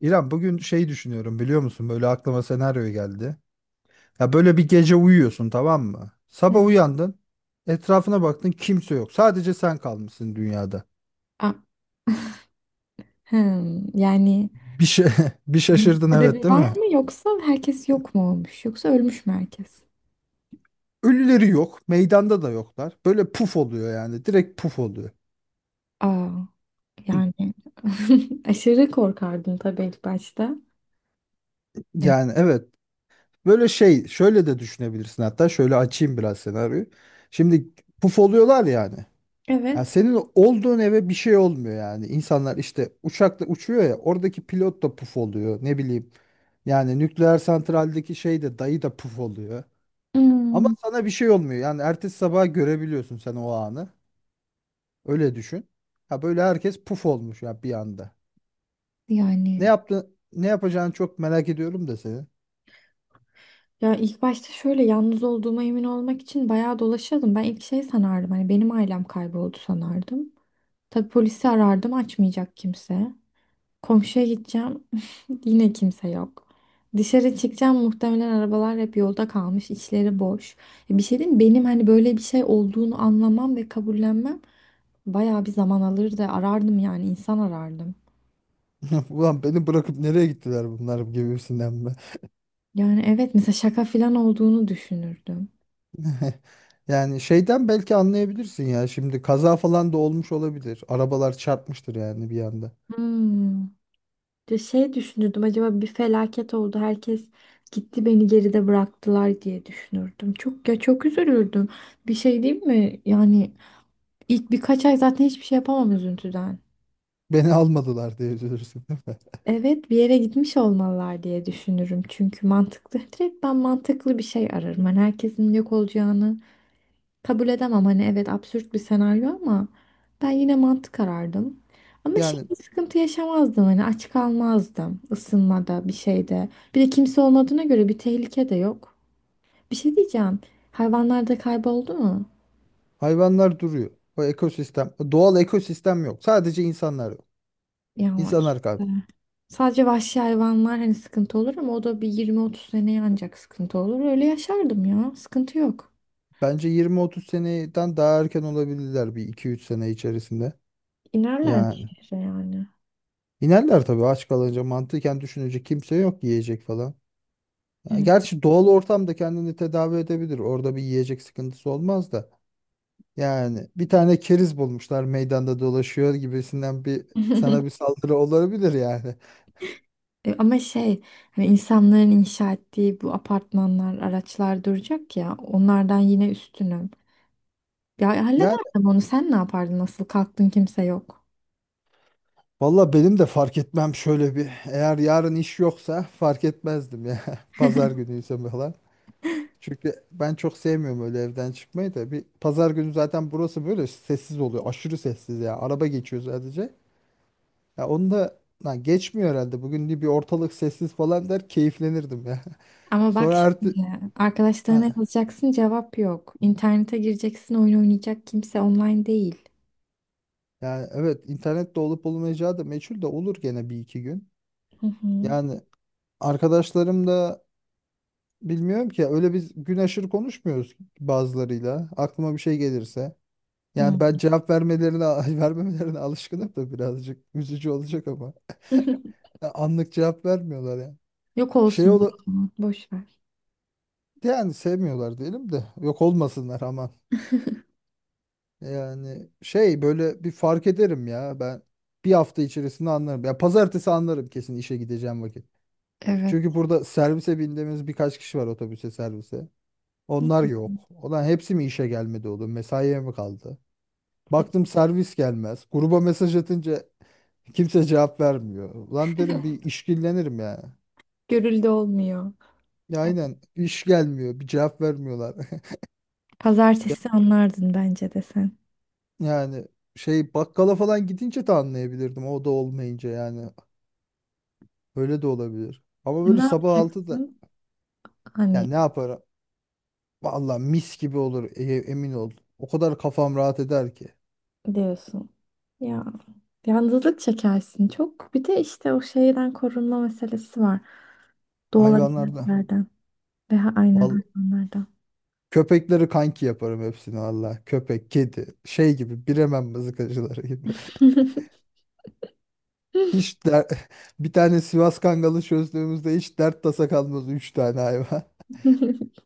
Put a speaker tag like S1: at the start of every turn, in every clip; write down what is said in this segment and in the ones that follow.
S1: İrem bugün şey düşünüyorum biliyor musun? Böyle aklıma senaryo geldi. Ya böyle bir gece uyuyorsun tamam mı? Sabah uyandın. Etrafına baktın kimse yok. Sadece sen kalmışsın dünyada.
S2: A- yani
S1: Bir şey bir
S2: bunun
S1: şaşırdın
S2: sebebi
S1: evet değil
S2: var
S1: mi?
S2: mı yoksa herkes yok mu olmuş yoksa ölmüş mü herkes?
S1: Ölüleri yok. Meydanda da yoklar. Böyle puf oluyor yani. Direkt puf oluyor.
S2: Aa, yani aşırı korkardım tabii ilk başta. Evet.
S1: Yani evet. Böyle şey şöyle de düşünebilirsin hatta şöyle açayım biraz senaryoyu. Şimdi puf oluyorlar yani. Yani
S2: Evet.
S1: senin olduğun eve bir şey olmuyor yani. İnsanlar işte uçakla uçuyor ya oradaki pilot da puf oluyor ne bileyim. Yani nükleer santraldeki şey de dayı da puf oluyor. Ama
S2: Hmm,
S1: sana bir şey olmuyor. Yani ertesi sabah görebiliyorsun sen o anı. Öyle düşün. Ha böyle herkes puf olmuş ya bir anda. Ne
S2: yani
S1: yaptın? Ne yapacağını çok merak ediyorum da seni.
S2: ya ilk başta şöyle yalnız olduğuma emin olmak için bayağı dolaşıyordum. Ben ilk şey sanardım hani benim ailem kayboldu sanardım. Tabii polisi arardım açmayacak kimse. Komşuya gideceğim. Yine kimse yok. Dışarı çıkacağım muhtemelen arabalar hep yolda kalmış, içleri boş. Ya bir şey diyeyim mi? Benim hani böyle bir şey olduğunu anlamam ve kabullenmem bayağı bir zaman alırdı. Arardım yani insan arardım.
S1: Ulan beni bırakıp nereye gittiler bunlar gibisinden.
S2: Yani evet mesela şaka falan olduğunu düşünürdüm.
S1: Yani şeyden belki anlayabilirsin ya. Şimdi kaza falan da olmuş olabilir. Arabalar çarpmıştır yani bir anda.
S2: Hmm. Ya şey düşünürdüm acaba bir felaket oldu herkes gitti beni geride bıraktılar diye düşünürdüm. Çok ya çok üzülürdüm. Bir şey değil mi? Yani ilk birkaç ay zaten hiçbir şey yapamam üzüntüden.
S1: Beni almadılar diye üzülürsün değil mi?
S2: Evet bir yere gitmiş olmalılar diye düşünürüm. Çünkü mantıklı. Direkt ben mantıklı bir şey ararım. Hani herkesin yok olacağını kabul edemem. Hani evet absürt bir senaryo ama ben yine mantık arardım. Ama şey
S1: Yani
S2: bir sıkıntı yaşamazdım. Hani aç kalmazdım ısınmada bir şeyde. Bir de kimse olmadığına göre bir tehlike de yok. Bir şey diyeceğim. Hayvanlar da kayboldu mu?
S1: hayvanlar duruyor. O ekosistem, doğal ekosistem yok. Sadece insanlar yok.
S2: Ya işte.
S1: İnsanlar kaldı.
S2: Sadece vahşi hayvanlar hani sıkıntı olur ama o da bir 20-30 seneye ancak sıkıntı olur. Öyle yaşardım ya. Sıkıntı yok.
S1: Bence 20-30 seneden daha erken olabilirler, bir iki üç sene içerisinde.
S2: İnerler bir
S1: Yani
S2: şehre yani.
S1: inerler tabii aç kalınca, mantıken düşünecek kimse yok, yiyecek falan. Yani
S2: Evet.
S1: gerçi doğal ortamda kendini tedavi edebilir. Orada bir yiyecek sıkıntısı olmaz da. Yani bir tane keriz bulmuşlar meydanda dolaşıyor gibisinden bir sana bir saldırı olabilir yani.
S2: E, ama şey hani insanların inşa ettiği bu apartmanlar, araçlar duracak ya onlardan yine üstünüm. Ya
S1: Yani
S2: hallederdim onu sen ne yapardın nasıl kalktın kimse yok.
S1: valla benim de fark etmem şöyle bir, eğer yarın iş yoksa fark etmezdim ya. Pazar günüyse falan. Çünkü ben çok sevmiyorum öyle evden çıkmayı da. Bir pazar günü zaten burası böyle sessiz oluyor. Aşırı sessiz ya. Araba geçiyor sadece. Ya onu da lan geçmiyor herhalde. Bugün de bir ortalık sessiz falan der, keyiflenirdim ya.
S2: Ama bak
S1: Sonra artık.
S2: şimdi arkadaşlarına yazacaksın cevap yok. İnternete gireceksin oyun oynayacak kimse online değil.
S1: Yani evet, internet de olup olmayacağı da meçhul, de olur gene bir iki gün.
S2: Hı hı.
S1: Yani arkadaşlarım da bilmiyorum ki, öyle biz gün aşırı konuşmuyoruz bazılarıyla. Aklıma bir şey gelirse.
S2: Hı.
S1: Yani ben cevap vermelerine vermemelerine alışkınım da birazcık üzücü olacak ama. Ya anlık cevap vermiyorlar ya.
S2: Yok
S1: Şey
S2: olsun o
S1: ola
S2: zaman, boş ver.
S1: yani sevmiyorlar diyelim de yok olmasınlar aman. Yani şey böyle bir fark ederim ya ben, bir hafta içerisinde anlarım. Ya pazartesi anlarım kesin, işe gideceğim vakit.
S2: Evet.
S1: Çünkü burada servise bindiğimiz birkaç kişi var, otobüse, servise.
S2: Hı
S1: Onlar
S2: hı.
S1: yok. Olan hepsi mi işe gelmedi oğlum? Mesaiye mi kaldı? Baktım servis gelmez. Gruba mesaj atınca kimse cevap vermiyor. Ulan derim, bir işkillenirim ya.
S2: Görüldü olmuyor.
S1: Ya aynen iş gelmiyor. Bir cevap vermiyorlar. Ya-
S2: Pazartesi anlardın bence de sen.
S1: Yani şey bakkala falan gidince de anlayabilirdim. O da olmayınca yani. Öyle de olabilir. Ama böyle
S2: Ne
S1: sabah 6'da
S2: yapacaksın?
S1: ya
S2: Hani
S1: ne yaparım? Vallahi mis gibi olur, emin ol. O kadar kafam rahat eder ki.
S2: diyorsun. Ya yalnızlık çekersin çok. Bir de işte o şeyden korunma meselesi var. Doğal
S1: Hayvanlarda.
S2: elementlerden veya aynen
S1: Vallahi
S2: hayvanlardan.
S1: köpekleri kanki yaparım hepsini valla. Köpek, kedi, şey gibi, Bremen mızıkacıları gibi. Hiç der... bir tane Sivas Kangalı çözdüğümüzde hiç dert tasa kalmaz, 3 tane hayvan.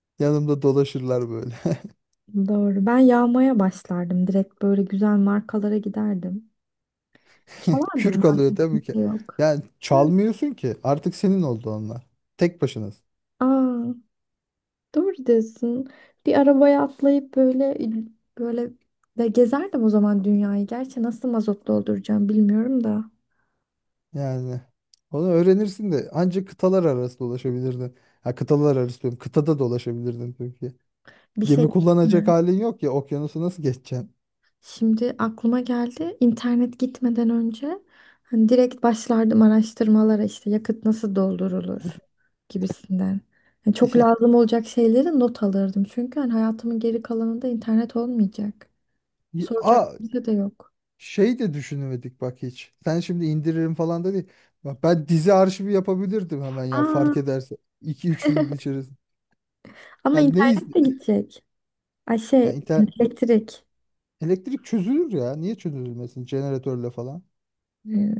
S1: Yanımda dolaşırlar böyle.
S2: Doğru. Ben yağmaya başlardım. Direkt böyle güzel markalara giderdim. Çalardım
S1: Kürk alıyor
S2: madem
S1: değil mi ki?
S2: kimse yok.
S1: Yani
S2: Hı.
S1: çalmıyorsun ki. Artık senin oldu onlar. Tek başınız.
S2: Aa, doğru diyorsun. Bir arabaya atlayıp böyle de gezerdim o zaman dünyayı. Gerçi nasıl mazot dolduracağım bilmiyorum da.
S1: Yani onu öğrenirsin de ancak kıtalar arası dolaşabilirdin. Ha, kıtalar arası diyorum. Kıtada dolaşabilirdin çünkü
S2: Bir şey
S1: gemi
S2: değil
S1: kullanacak
S2: mi?
S1: halin yok ya, okyanusu nasıl geçeceksin?
S2: Şimdi aklıma geldi. İnternet gitmeden önce hani direkt başlardım araştırmalara işte yakıt nasıl doldurulur gibisinden. Yani çok lazım olacak şeyleri not alırdım. Çünkü hani hayatımın geri kalanında internet olmayacak.
S1: Ya-
S2: Soracak
S1: Aa,
S2: kimse de yok.
S1: şey de düşünemedik bak hiç. Sen şimdi indiririm falan da değil. Bak ben dizi arşivi yapabilirdim hemen ya,
S2: Aa,
S1: fark ederse iki üç gün içerisinde.
S2: ama
S1: Yani ne iz
S2: internet de gidecek. Ay
S1: ya
S2: şey
S1: inter-
S2: elektrik.
S1: elektrik çözülür ya. Niye çözülmesin jeneratörle falan?
S2: Ee,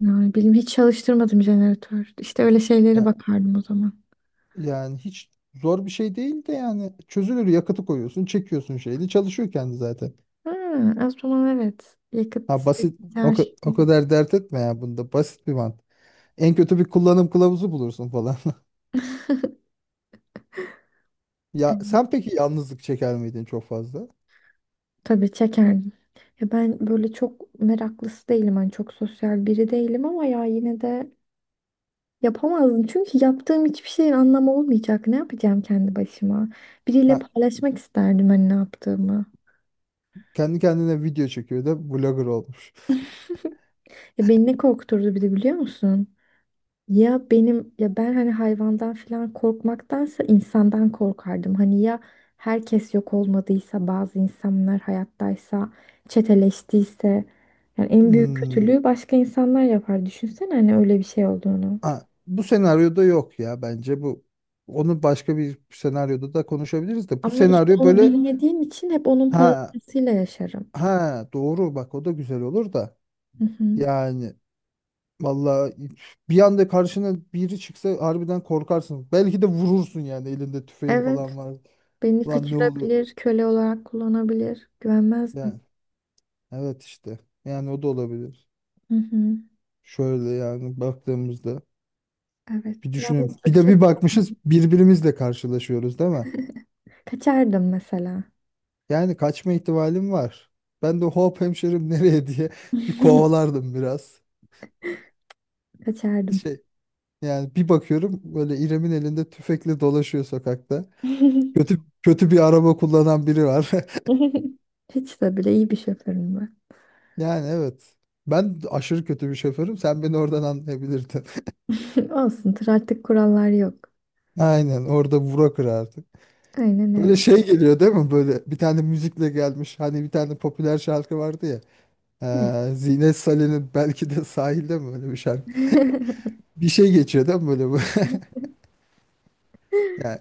S2: yani bilmiyorum hiç çalıştırmadım jeneratör. İşte öyle şeylere
S1: Ya,
S2: bakardım o zaman.
S1: yani hiç zor bir şey değil de, yani çözülür. Yakıtı koyuyorsun, çekiyorsun şeyini, çalışıyor kendi zaten.
S2: Ha, o zaman evet. Yakıt,
S1: Ha,
S2: işte,
S1: basit o,
S2: her şey.
S1: o kadar dert etme ya, bunda basit bir mantık. En kötü bir kullanım kılavuzu bulursun falan. Ya sen peki yalnızlık çeker miydin çok fazla?
S2: Tabii çekerdim. Ya ben böyle çok meraklısı değilim. Hani çok sosyal biri değilim ama ya yine de yapamazdım. Çünkü yaptığım hiçbir şeyin anlamı olmayacak. Ne yapacağım kendi başıma? Biriyle paylaşmak isterdim hani ne yaptığımı.
S1: Kendi kendine video çekiyor da vlogger olmuş.
S2: Ya beni ne korkuturdu bir de biliyor musun? Ya benim ben hani hayvandan falan korkmaktansa insandan korkardım. Hani ya herkes yok olmadıysa bazı insanlar hayattaysa çeteleştiyse yani en büyük
S1: Hmm.
S2: kötülüğü başka insanlar yapar. Düşünsene hani öyle bir şey olduğunu.
S1: Ha, bu senaryoda yok ya bence bu. Onu başka bir senaryoda da konuşabiliriz de. Bu
S2: Ama işte
S1: senaryo
S2: onu
S1: böyle.
S2: bilmediğim için hep onun
S1: Ha
S2: parasıyla yaşarım.
S1: ha, doğru bak, o da güzel olur da.
S2: Hı hı.
S1: Yani vallahi bir anda karşına biri çıksa harbiden korkarsın. Belki de vurursun yani, elinde tüfeğin falan
S2: Evet,
S1: var.
S2: beni
S1: Lan ne oluyor?
S2: kaçırabilir, köle olarak kullanabilir. Güvenmezdim.
S1: Yani evet işte. Yani o da olabilir.
S2: Hı hı.
S1: Şöyle yani baktığımızda.
S2: Evet,
S1: Bir düşünün. Bir
S2: yalnızlık
S1: de
S2: çek.
S1: bir bakmışız birbirimizle karşılaşıyoruz değil mi?
S2: Kaçardım mesela.
S1: Yani kaçma ihtimalim var. Ben de hop hemşerim nereye diye bir kovalardım biraz.
S2: Kaçardım.
S1: Şey, yani bir bakıyorum böyle, İrem'in elinde tüfekle dolaşıyor sokakta. Kötü kötü bir araba kullanan biri var.
S2: Hiç de bile iyi bir şoförüm var.
S1: Yani evet. Ben aşırı kötü bir şoförüm. Sen beni oradan anlayabilirdin.
S2: Olsun, trafik kurallar yok.
S1: Aynen, orada vura kırardık.
S2: Aynen
S1: Böyle
S2: öyle.
S1: şey geliyor değil mi? Böyle bir tane müzikle gelmiş. Hani bir tane popüler şarkı vardı ya.
S2: Ne?
S1: Zine Salih'in belki de sahilde mi, öyle bir şarkı? Bir şey geçiyor değil mi böyle bu? Yani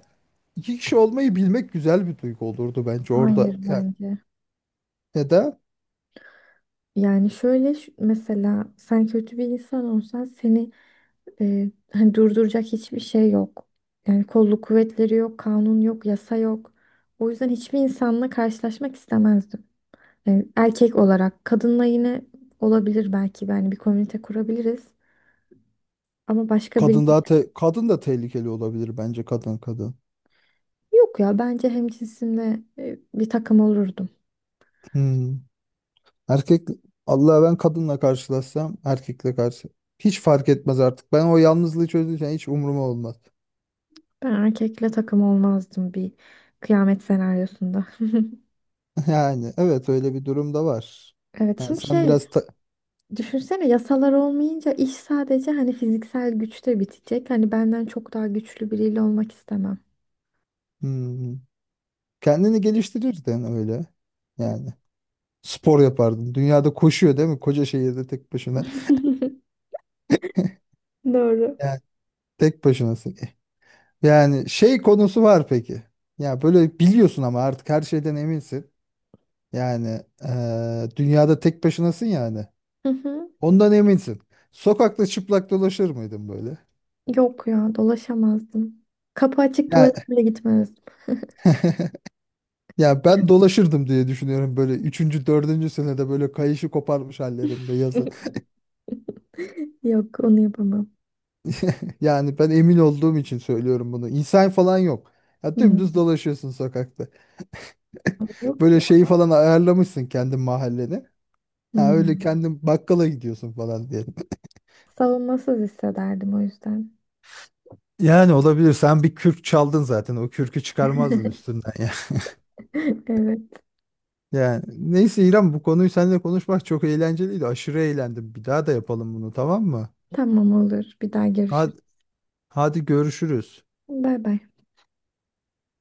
S1: iki kişi olmayı bilmek güzel bir duygu olurdu bence
S2: Hayır
S1: orada. Yani
S2: bence.
S1: ya da
S2: Yani şöyle şu- mesela sen kötü bir insan olsan seni hani durduracak hiçbir şey yok. Yani kolluk kuvvetleri yok, kanun yok, yasa yok. O yüzden hiçbir insanla karşılaşmak istemezdim. Yani erkek olarak kadınla yine olabilir belki yani bir komünite kurabiliriz. Ama başka
S1: kadın daha kadın da tehlikeli olabilir bence, kadın kadın.
S2: yok ya bence hemcinsimle bir takım olurdum.
S1: Hmm. Erkek Allah, ben kadınla karşılaşsam, erkekle karşı hiç fark etmez artık. Ben o yalnızlığı çözdüğüm, hiç umuruma olmaz.
S2: Ben erkekle takım olmazdım bir kıyamet senaryosunda.
S1: Yani evet, öyle bir durum da var.
S2: Evet
S1: Yani
S2: şimdi
S1: sen
S2: şey
S1: biraz
S2: düşünsene yasalar olmayınca iş sadece hani fiziksel güçte bitecek. Hani benden çok daha güçlü biriyle olmak istemem.
S1: Hmm. Kendini geliştirirdin öyle yani. Spor yapardın. Dünyada koşuyor değil mi? Koca şehirde tek başına.
S2: Doğru.
S1: Yani tek başınasın. Yani şey konusu var peki. Ya böyle biliyorsun ama artık her şeyden eminsin. Yani dünyada tek başınasın yani.
S2: Hı hı.
S1: Ondan eminsin. Sokakta çıplak dolaşır mıydın böyle?
S2: Yok ya dolaşamazdım. Kapı açık
S1: Ya,
S2: tuvalete bile gitmezdim.
S1: ya ben dolaşırdım diye düşünüyorum böyle, 3. 4. senede böyle kayışı koparmış hallerimde, yazın.
S2: Yok onu yapamam.
S1: Yani ben emin olduğum için söylüyorum bunu. İnsan falan yok. Ya
S2: Hmm,
S1: dümdüz dolaşıyorsun sokakta.
S2: yok
S1: Böyle
S2: ya.
S1: şeyi falan ayarlamışsın, kendi mahalleni. Ha, öyle
S2: Hmm.
S1: kendin bakkala gidiyorsun falan diyelim.
S2: Savunmasız hissederdim o yüzden.
S1: Yani olabilir. Sen bir kürk çaldın zaten. O kürkü çıkarmazdın üstünden ya.
S2: Evet
S1: Yani neyse İrem, bu konuyu seninle konuşmak çok eğlenceliydi. Aşırı eğlendim. Bir daha da yapalım bunu, tamam mı?
S2: tamam olur bir daha görüşürüz.
S1: Hadi, hadi görüşürüz.
S2: Bay bay.